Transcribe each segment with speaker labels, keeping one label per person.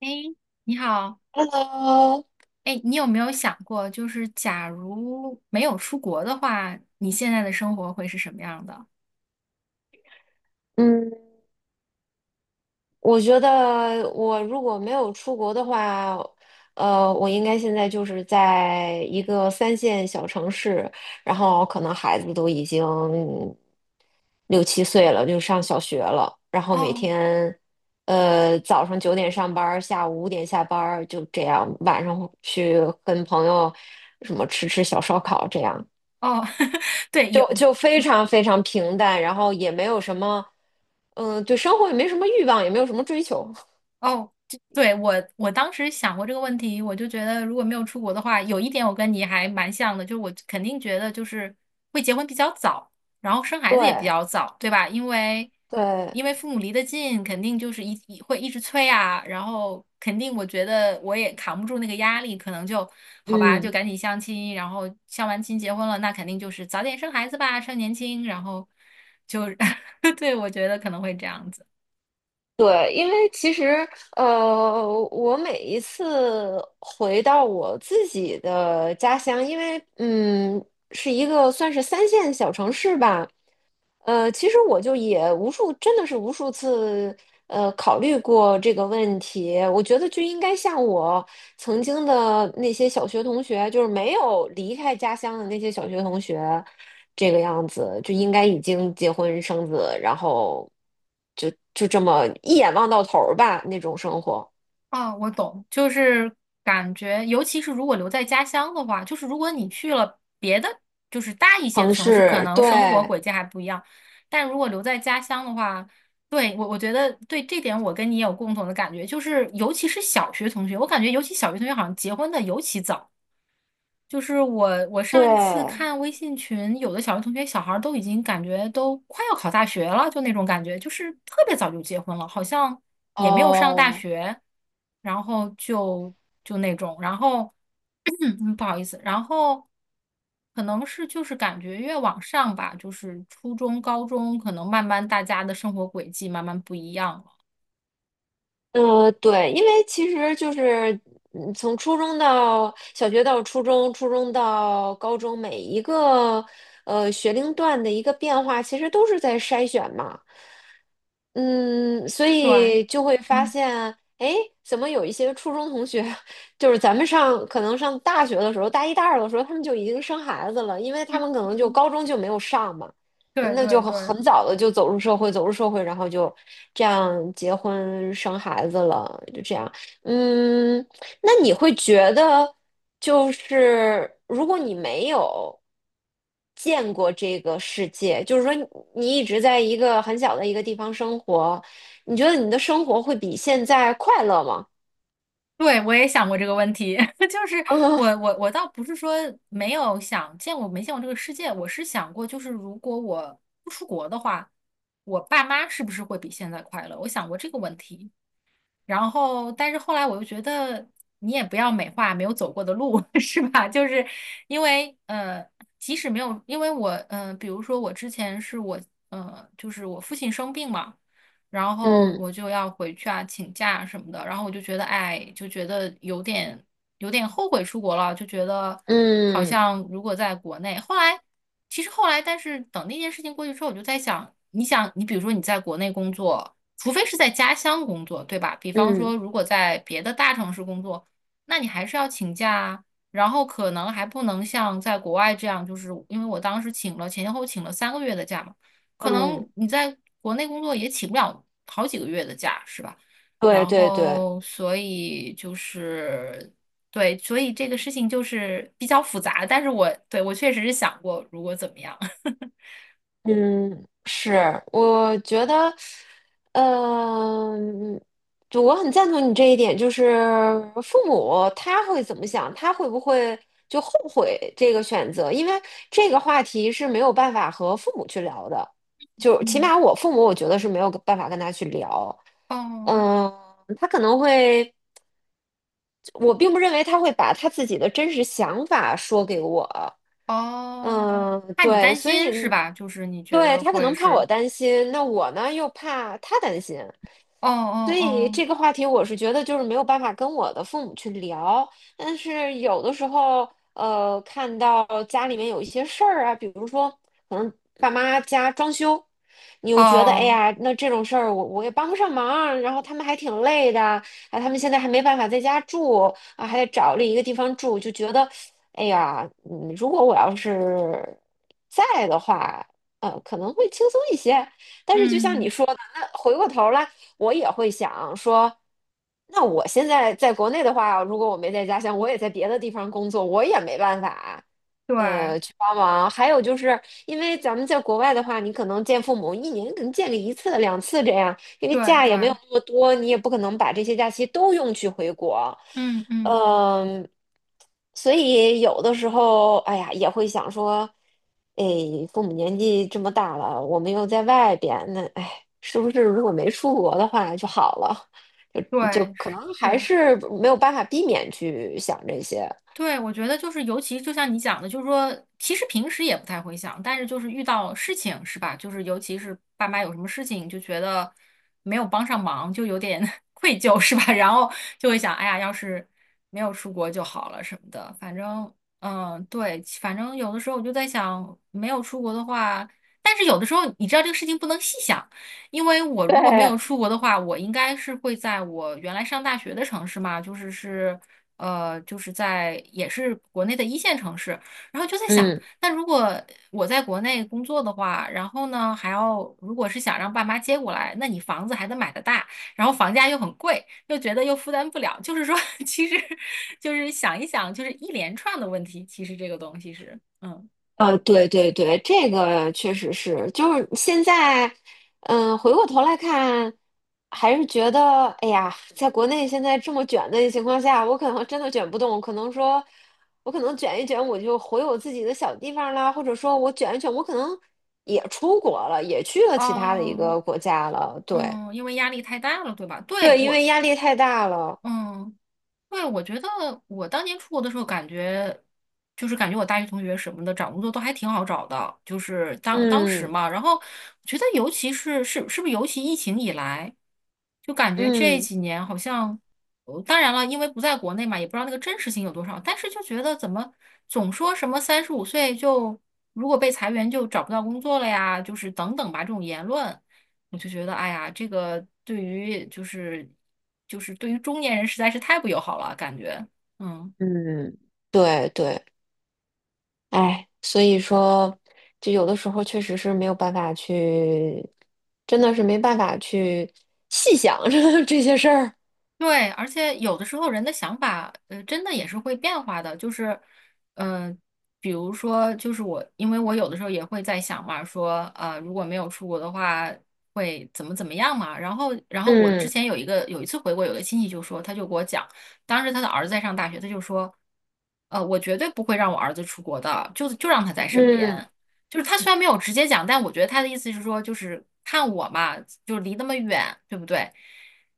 Speaker 1: 哎，你好，
Speaker 2: Hello,
Speaker 1: 哎，你有没有想过，就是假如没有出国的话，你现在的生活会是什么样的？
Speaker 2: 嗯，我觉得我如果没有出国的话，我应该现在就是在一个三线小城市，然后可能孩子都已经六七岁了，就上小学了，然后每
Speaker 1: 哦
Speaker 2: 天，早上九点上班儿，下午五点下班儿，就这样，晚上去跟朋友什么吃吃小烧烤这样。
Speaker 1: 哦，对，有，
Speaker 2: 就非常非常平淡，然后也没有什么，嗯，对生活也没什么欲望，也没有什么追求。
Speaker 1: 哦，这对，我当时想过这个问题，我就觉得如果没有出国的话，有一点我跟你还蛮像的，就是我肯定觉得就是会结婚比较早，然后生孩子也比
Speaker 2: 对
Speaker 1: 较早，对吧？因为
Speaker 2: 对，
Speaker 1: 父母离得近，肯定就是会一直催啊，然后肯定我觉得我也扛不住那个压力，可能就好吧，就
Speaker 2: 嗯，
Speaker 1: 赶紧相亲，然后相完亲结婚了，那肯定就是早点生孩子吧，趁年轻，然后就 对，我觉得可能会这样子。
Speaker 2: 对，因为其实我每一次回到我自己的家乡，因为是一个算是三线小城市吧，其实我就也无数，真的是无数次，考虑过这个问题。我觉得就应该像我曾经的那些小学同学，就是没有离开家乡的那些小学同学，这个样子就应该已经结婚生子，然后就这么一眼望到头儿吧，那种生活。
Speaker 1: 啊，我懂，就是感觉，尤其是如果留在家乡的话，就是如果你去了别的，就是大一些的
Speaker 2: 城
Speaker 1: 城市，可
Speaker 2: 市，
Speaker 1: 能
Speaker 2: 对
Speaker 1: 生活轨迹还不一样。但如果留在家乡的话，对，我觉得对这点我跟你也有共同的感觉，就是尤其是小学同学，我感觉尤其小学同学好像结婚的尤其早。就是我，我上一次
Speaker 2: 对，
Speaker 1: 看微信群，有的小学同学小孩儿都已经感觉都快要考大学了，就那种感觉，就是特别早就结婚了，好像也没有上大
Speaker 2: 哦，
Speaker 1: 学，然后就那种，然后 不好意思，然后可能是就是感觉越往上吧，就是初中、高中，可能慢慢大家的生活轨迹慢慢不一样了。
Speaker 2: 呃，对，因为其实就是从初中到小学到初中，初中到高中，每一个学龄段的一个变化，其实都是在筛选嘛。嗯，所
Speaker 1: 对，
Speaker 2: 以就会发
Speaker 1: 嗯，
Speaker 2: 现，哎，怎么有一些初中同学，就是咱们上可能上大学的时候，大一大二的时候，他们就已经生孩子了，因为他们可能就高中就没有上嘛。
Speaker 1: 对
Speaker 2: 那
Speaker 1: 对
Speaker 2: 就很
Speaker 1: 对。
Speaker 2: 很早的就走入社会，走入社会，然后就这样结婚生孩子了，就这样。嗯，那你会觉得，就是如果你没有见过这个世界，就是说你一直在一个很小的一个地方生活，你觉得你的生活会比现在快乐吗？
Speaker 1: 对，我也想过这个问题，就是我 我我倒不是说没有想见过没见过这个世界，我是想过，就是如果我不出国的话，我爸妈是不是会比现在快乐？我想过这个问题，然后，但是后来我又觉得你也不要美化没有走过的路，是吧？就是因为即使没有，因为我，比如说我之前是我就是我父亲生病嘛，然后
Speaker 2: 嗯
Speaker 1: 我就要回去啊，请假什么的，然后我就觉得哎，就觉得有点后悔出国了，就觉得好
Speaker 2: 嗯
Speaker 1: 像如果在国内，其实后来，但是等那件事情过去之后，我就在想，你想，你比如说你在国内工作。除非是在家乡工作，对吧？比方说，
Speaker 2: 嗯
Speaker 1: 如果在别的大城市工作，那你还是要请假啊，然后可能还不能像在国外这样，就是因为我当时请了前前后后请了三个月的假嘛，可
Speaker 2: 嗯嗯，
Speaker 1: 能你在国内工作也请不了好几个月的假，是吧？
Speaker 2: 对
Speaker 1: 然
Speaker 2: 对对。
Speaker 1: 后，所以就是对，所以这个事情就是比较复杂，但是我确实是想过，如果怎么样，
Speaker 2: 嗯，是，我觉得，嗯就我很赞同你这一点，就是父母他会怎么想，他会不会就后悔这个选择？因为这个话题是没有办法和父母去聊的，就起
Speaker 1: 嗯，
Speaker 2: 码我父母，我觉得是没有办法跟他去聊。
Speaker 1: 哦。
Speaker 2: 嗯，他可能会，我并不认为他会把他自己的真实想法说给我，
Speaker 1: 哦哦，
Speaker 2: 嗯，
Speaker 1: 怕你
Speaker 2: 对，
Speaker 1: 担
Speaker 2: 所
Speaker 1: 心是
Speaker 2: 以
Speaker 1: 吧？就是你觉
Speaker 2: 对
Speaker 1: 得
Speaker 2: 他可
Speaker 1: 会
Speaker 2: 能怕我
Speaker 1: 是，
Speaker 2: 担心，那我呢又怕他担心，
Speaker 1: 哦
Speaker 2: 所以
Speaker 1: 哦
Speaker 2: 这个话题我是觉得就是没有办法跟我的父母去聊，但是有的时候，看到家里面有一些事儿啊，比如说可能爸妈家装修，你
Speaker 1: 哦
Speaker 2: 又觉得哎
Speaker 1: 哦，
Speaker 2: 呀，那这种事儿我也帮不上忙，然后他们还挺累的，啊，他们现在还没办法在家住，啊，还得找另一个地方住，就觉得，哎呀，嗯，如果我要是在的话，可能会轻松一些。但是就像你
Speaker 1: 嗯，
Speaker 2: 说的，那回过头来，我也会想说，那我现在在国内的话，如果我没在家乡，我也在别的地方工作，我也没办法。
Speaker 1: 对
Speaker 2: 去帮忙。还有就是，因为咱们在国外的话，你可能见父母一年可能见个一次、两次这样，因为
Speaker 1: 对
Speaker 2: 假也没有
Speaker 1: 对，
Speaker 2: 那么多，你也不可能把这些假期都用去回国。
Speaker 1: 嗯嗯，
Speaker 2: 嗯，所以有的时候，哎呀，也会想说，哎，父母年纪这么大了，我们又在外边，那哎，是不是如果没出国的话就好了？就
Speaker 1: 对，
Speaker 2: 可能还
Speaker 1: 是。
Speaker 2: 是没有办法避免去想这些。
Speaker 1: 对，我觉得就是，尤其就像你讲的，就是说，其实平时也不太会想，但是就是遇到事情是吧？就是尤其是爸妈有什么事情，就觉得没有帮上忙，就有点 愧疚是吧？然后就会想，哎呀，要是没有出国就好了什么的。反正，嗯，对，反正有的时候我就在想，没有出国的话，但是有的时候你知道这个事情不能细想，因为我如果没有
Speaker 2: 对，
Speaker 1: 出国的话，我应该是会在我原来上大学的城市嘛，就是是。呃，就是在也是国内的一线城市，然后就在想，
Speaker 2: 嗯。
Speaker 1: 那如果我在国内工作的话，然后呢还要如果是想让爸妈接过来，那你房子还得买得大，然后房价又很贵，又觉得又负担不了，就是说，其实就是想一想，就是一连串的问题，其实这个东西是，嗯，
Speaker 2: 对对对，这个确实是，就是现在，嗯，回过头来看，还是觉得，哎呀，在国内现在这么卷的情况下，我可能真的卷不动，我可能说，我可能卷一卷，我就回我自己的小地方啦，或者说我卷一卷，我可能也出国了，也去了其他的一
Speaker 1: 哦，
Speaker 2: 个国家了，对
Speaker 1: 嗯，因为压力太大了，对吧？对，
Speaker 2: 对，因为
Speaker 1: 我。
Speaker 2: 压力太大了，
Speaker 1: 嗯。对，我觉得我当年出国的时候，感觉就是感觉我大学同学什么的找工作都还挺好找的，就是当时
Speaker 2: 嗯
Speaker 1: 嘛。然后我觉得，尤其是是不是尤其疫情以来，就感觉这
Speaker 2: 嗯
Speaker 1: 几年好像，当然了，因为不在国内嘛，也不知道那个真实性有多少，但是就觉得怎么总说什么35岁就如果被裁员就找不到工作了呀，就是等等吧这种言论。我就觉得，哎呀，这个对于就是对于中年人实在是太不友好了，感觉，嗯。
Speaker 2: 嗯对对。哎，所以说，就有的时候确实是没有办法去，真的是没办法去细想 这这些事儿。
Speaker 1: 对，而且有的时候人的想法，真的也是会变化的。就是，嗯、比如说，就是我，因为我有的时候也会在想嘛，说，如果没有出国的话，会怎么怎么样嘛。然后，我之
Speaker 2: 嗯
Speaker 1: 前有一个有一次回国，有个亲戚就说，他就给我讲，当时他的儿子在上大学，他就说，我绝对不会让我儿子出国的，就让他在身边。
Speaker 2: 嗯，
Speaker 1: 就是他虽然没有直接讲，但我觉得他的意思是说，就是看我嘛，就离那么远，对不对？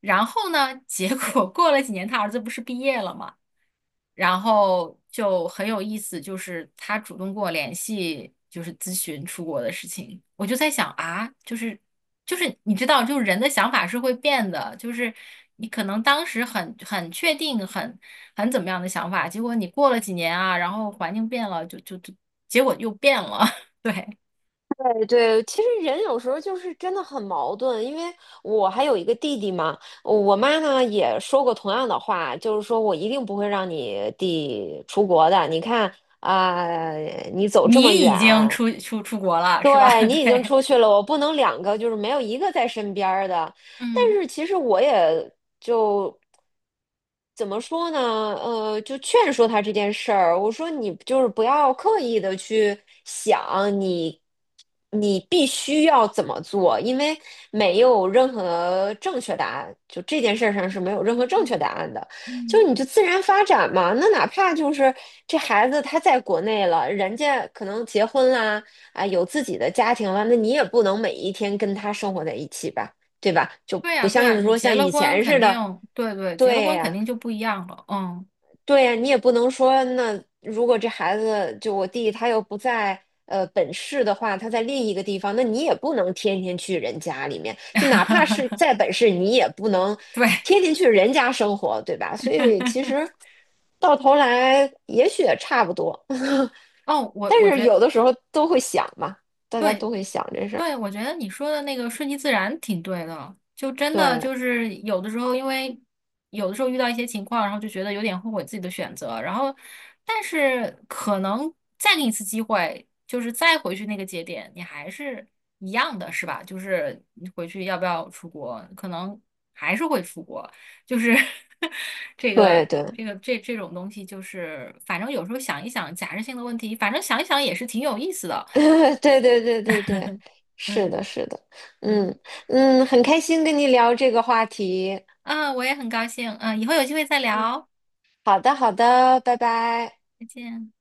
Speaker 1: 然后呢，结果过了几年，他儿子不是毕业了嘛，然后就很有意思，就是他主动跟我联系，就是咨询出国的事情。我就在想啊，就是你知道，就是人的想法是会变的，就是你可能当时很确定、很怎么样的想法，结果你过了几年啊，然后环境变了，就结果又变了。对，
Speaker 2: 对对，其实人有时候就是真的很矛盾，因为我还有一个弟弟嘛，我妈呢也说过同样的话，就是说我一定不会让你弟出国的，你看啊，你走
Speaker 1: 你
Speaker 2: 这么远，
Speaker 1: 已经出国了，是吧？
Speaker 2: 对，你 已经
Speaker 1: 对，
Speaker 2: 出去了，我不能两个就是没有一个在身边儿的。但
Speaker 1: 嗯。
Speaker 2: 是其实我也就怎么说呢？就劝说他这件事儿，我说你就是不要刻意的去想你，你必须要怎么做，因为没有任何正确答案，就这件事儿上是没有任何正确答案的，就
Speaker 1: 嗯。
Speaker 2: 你就自然发展嘛。那哪怕就是这孩子他在国内了，人家可能结婚啦。啊，有自己的家庭了，那你也不能每一天跟他生活在一起吧，对吧？就
Speaker 1: 对
Speaker 2: 不
Speaker 1: 呀，对
Speaker 2: 像
Speaker 1: 呀，
Speaker 2: 是
Speaker 1: 你
Speaker 2: 说像
Speaker 1: 结了
Speaker 2: 以
Speaker 1: 婚
Speaker 2: 前
Speaker 1: 肯
Speaker 2: 似
Speaker 1: 定，
Speaker 2: 的，
Speaker 1: 对对，结了
Speaker 2: 对
Speaker 1: 婚肯
Speaker 2: 呀、
Speaker 1: 定就不一样了。嗯，
Speaker 2: 对呀你也不能说，那如果这孩子就我弟他又不在呃本市的话，他在另一个地方，那你也不能天天去人家里面，就哪怕是在本市，你也不能
Speaker 1: 对。
Speaker 2: 天天去人家生活，对吧？所以其实到头来也许也差不多，
Speaker 1: 哦，我
Speaker 2: 但
Speaker 1: 我
Speaker 2: 是
Speaker 1: 觉得
Speaker 2: 有的时候都会想嘛，大家
Speaker 1: 对，
Speaker 2: 都会想这事儿，
Speaker 1: 对，我觉得你说的那个顺其自然挺对的，就真的
Speaker 2: 对
Speaker 1: 就是有的时候，因为有的时候遇到一些情况，然后就觉得有点后悔自己的选择，然后但是可能再给你一次机会，就是再回去那个节点，你还是一样的，是吧？就是你回去要不要出国，可能还是会出国，就是 这
Speaker 2: 对
Speaker 1: 个
Speaker 2: 对。
Speaker 1: 这个这这种东西，就是反正有时候想一想假设性的问题，反正想一想也是挺有意思的，
Speaker 2: 对对对对对，是
Speaker 1: 嗯。
Speaker 2: 的，是的，
Speaker 1: 嗯
Speaker 2: 嗯嗯，很开心跟你聊这个话题，
Speaker 1: 啊，我也很高兴。嗯，以后有机会再
Speaker 2: 嗯，
Speaker 1: 聊，
Speaker 2: 好的好的，拜拜。
Speaker 1: 再见。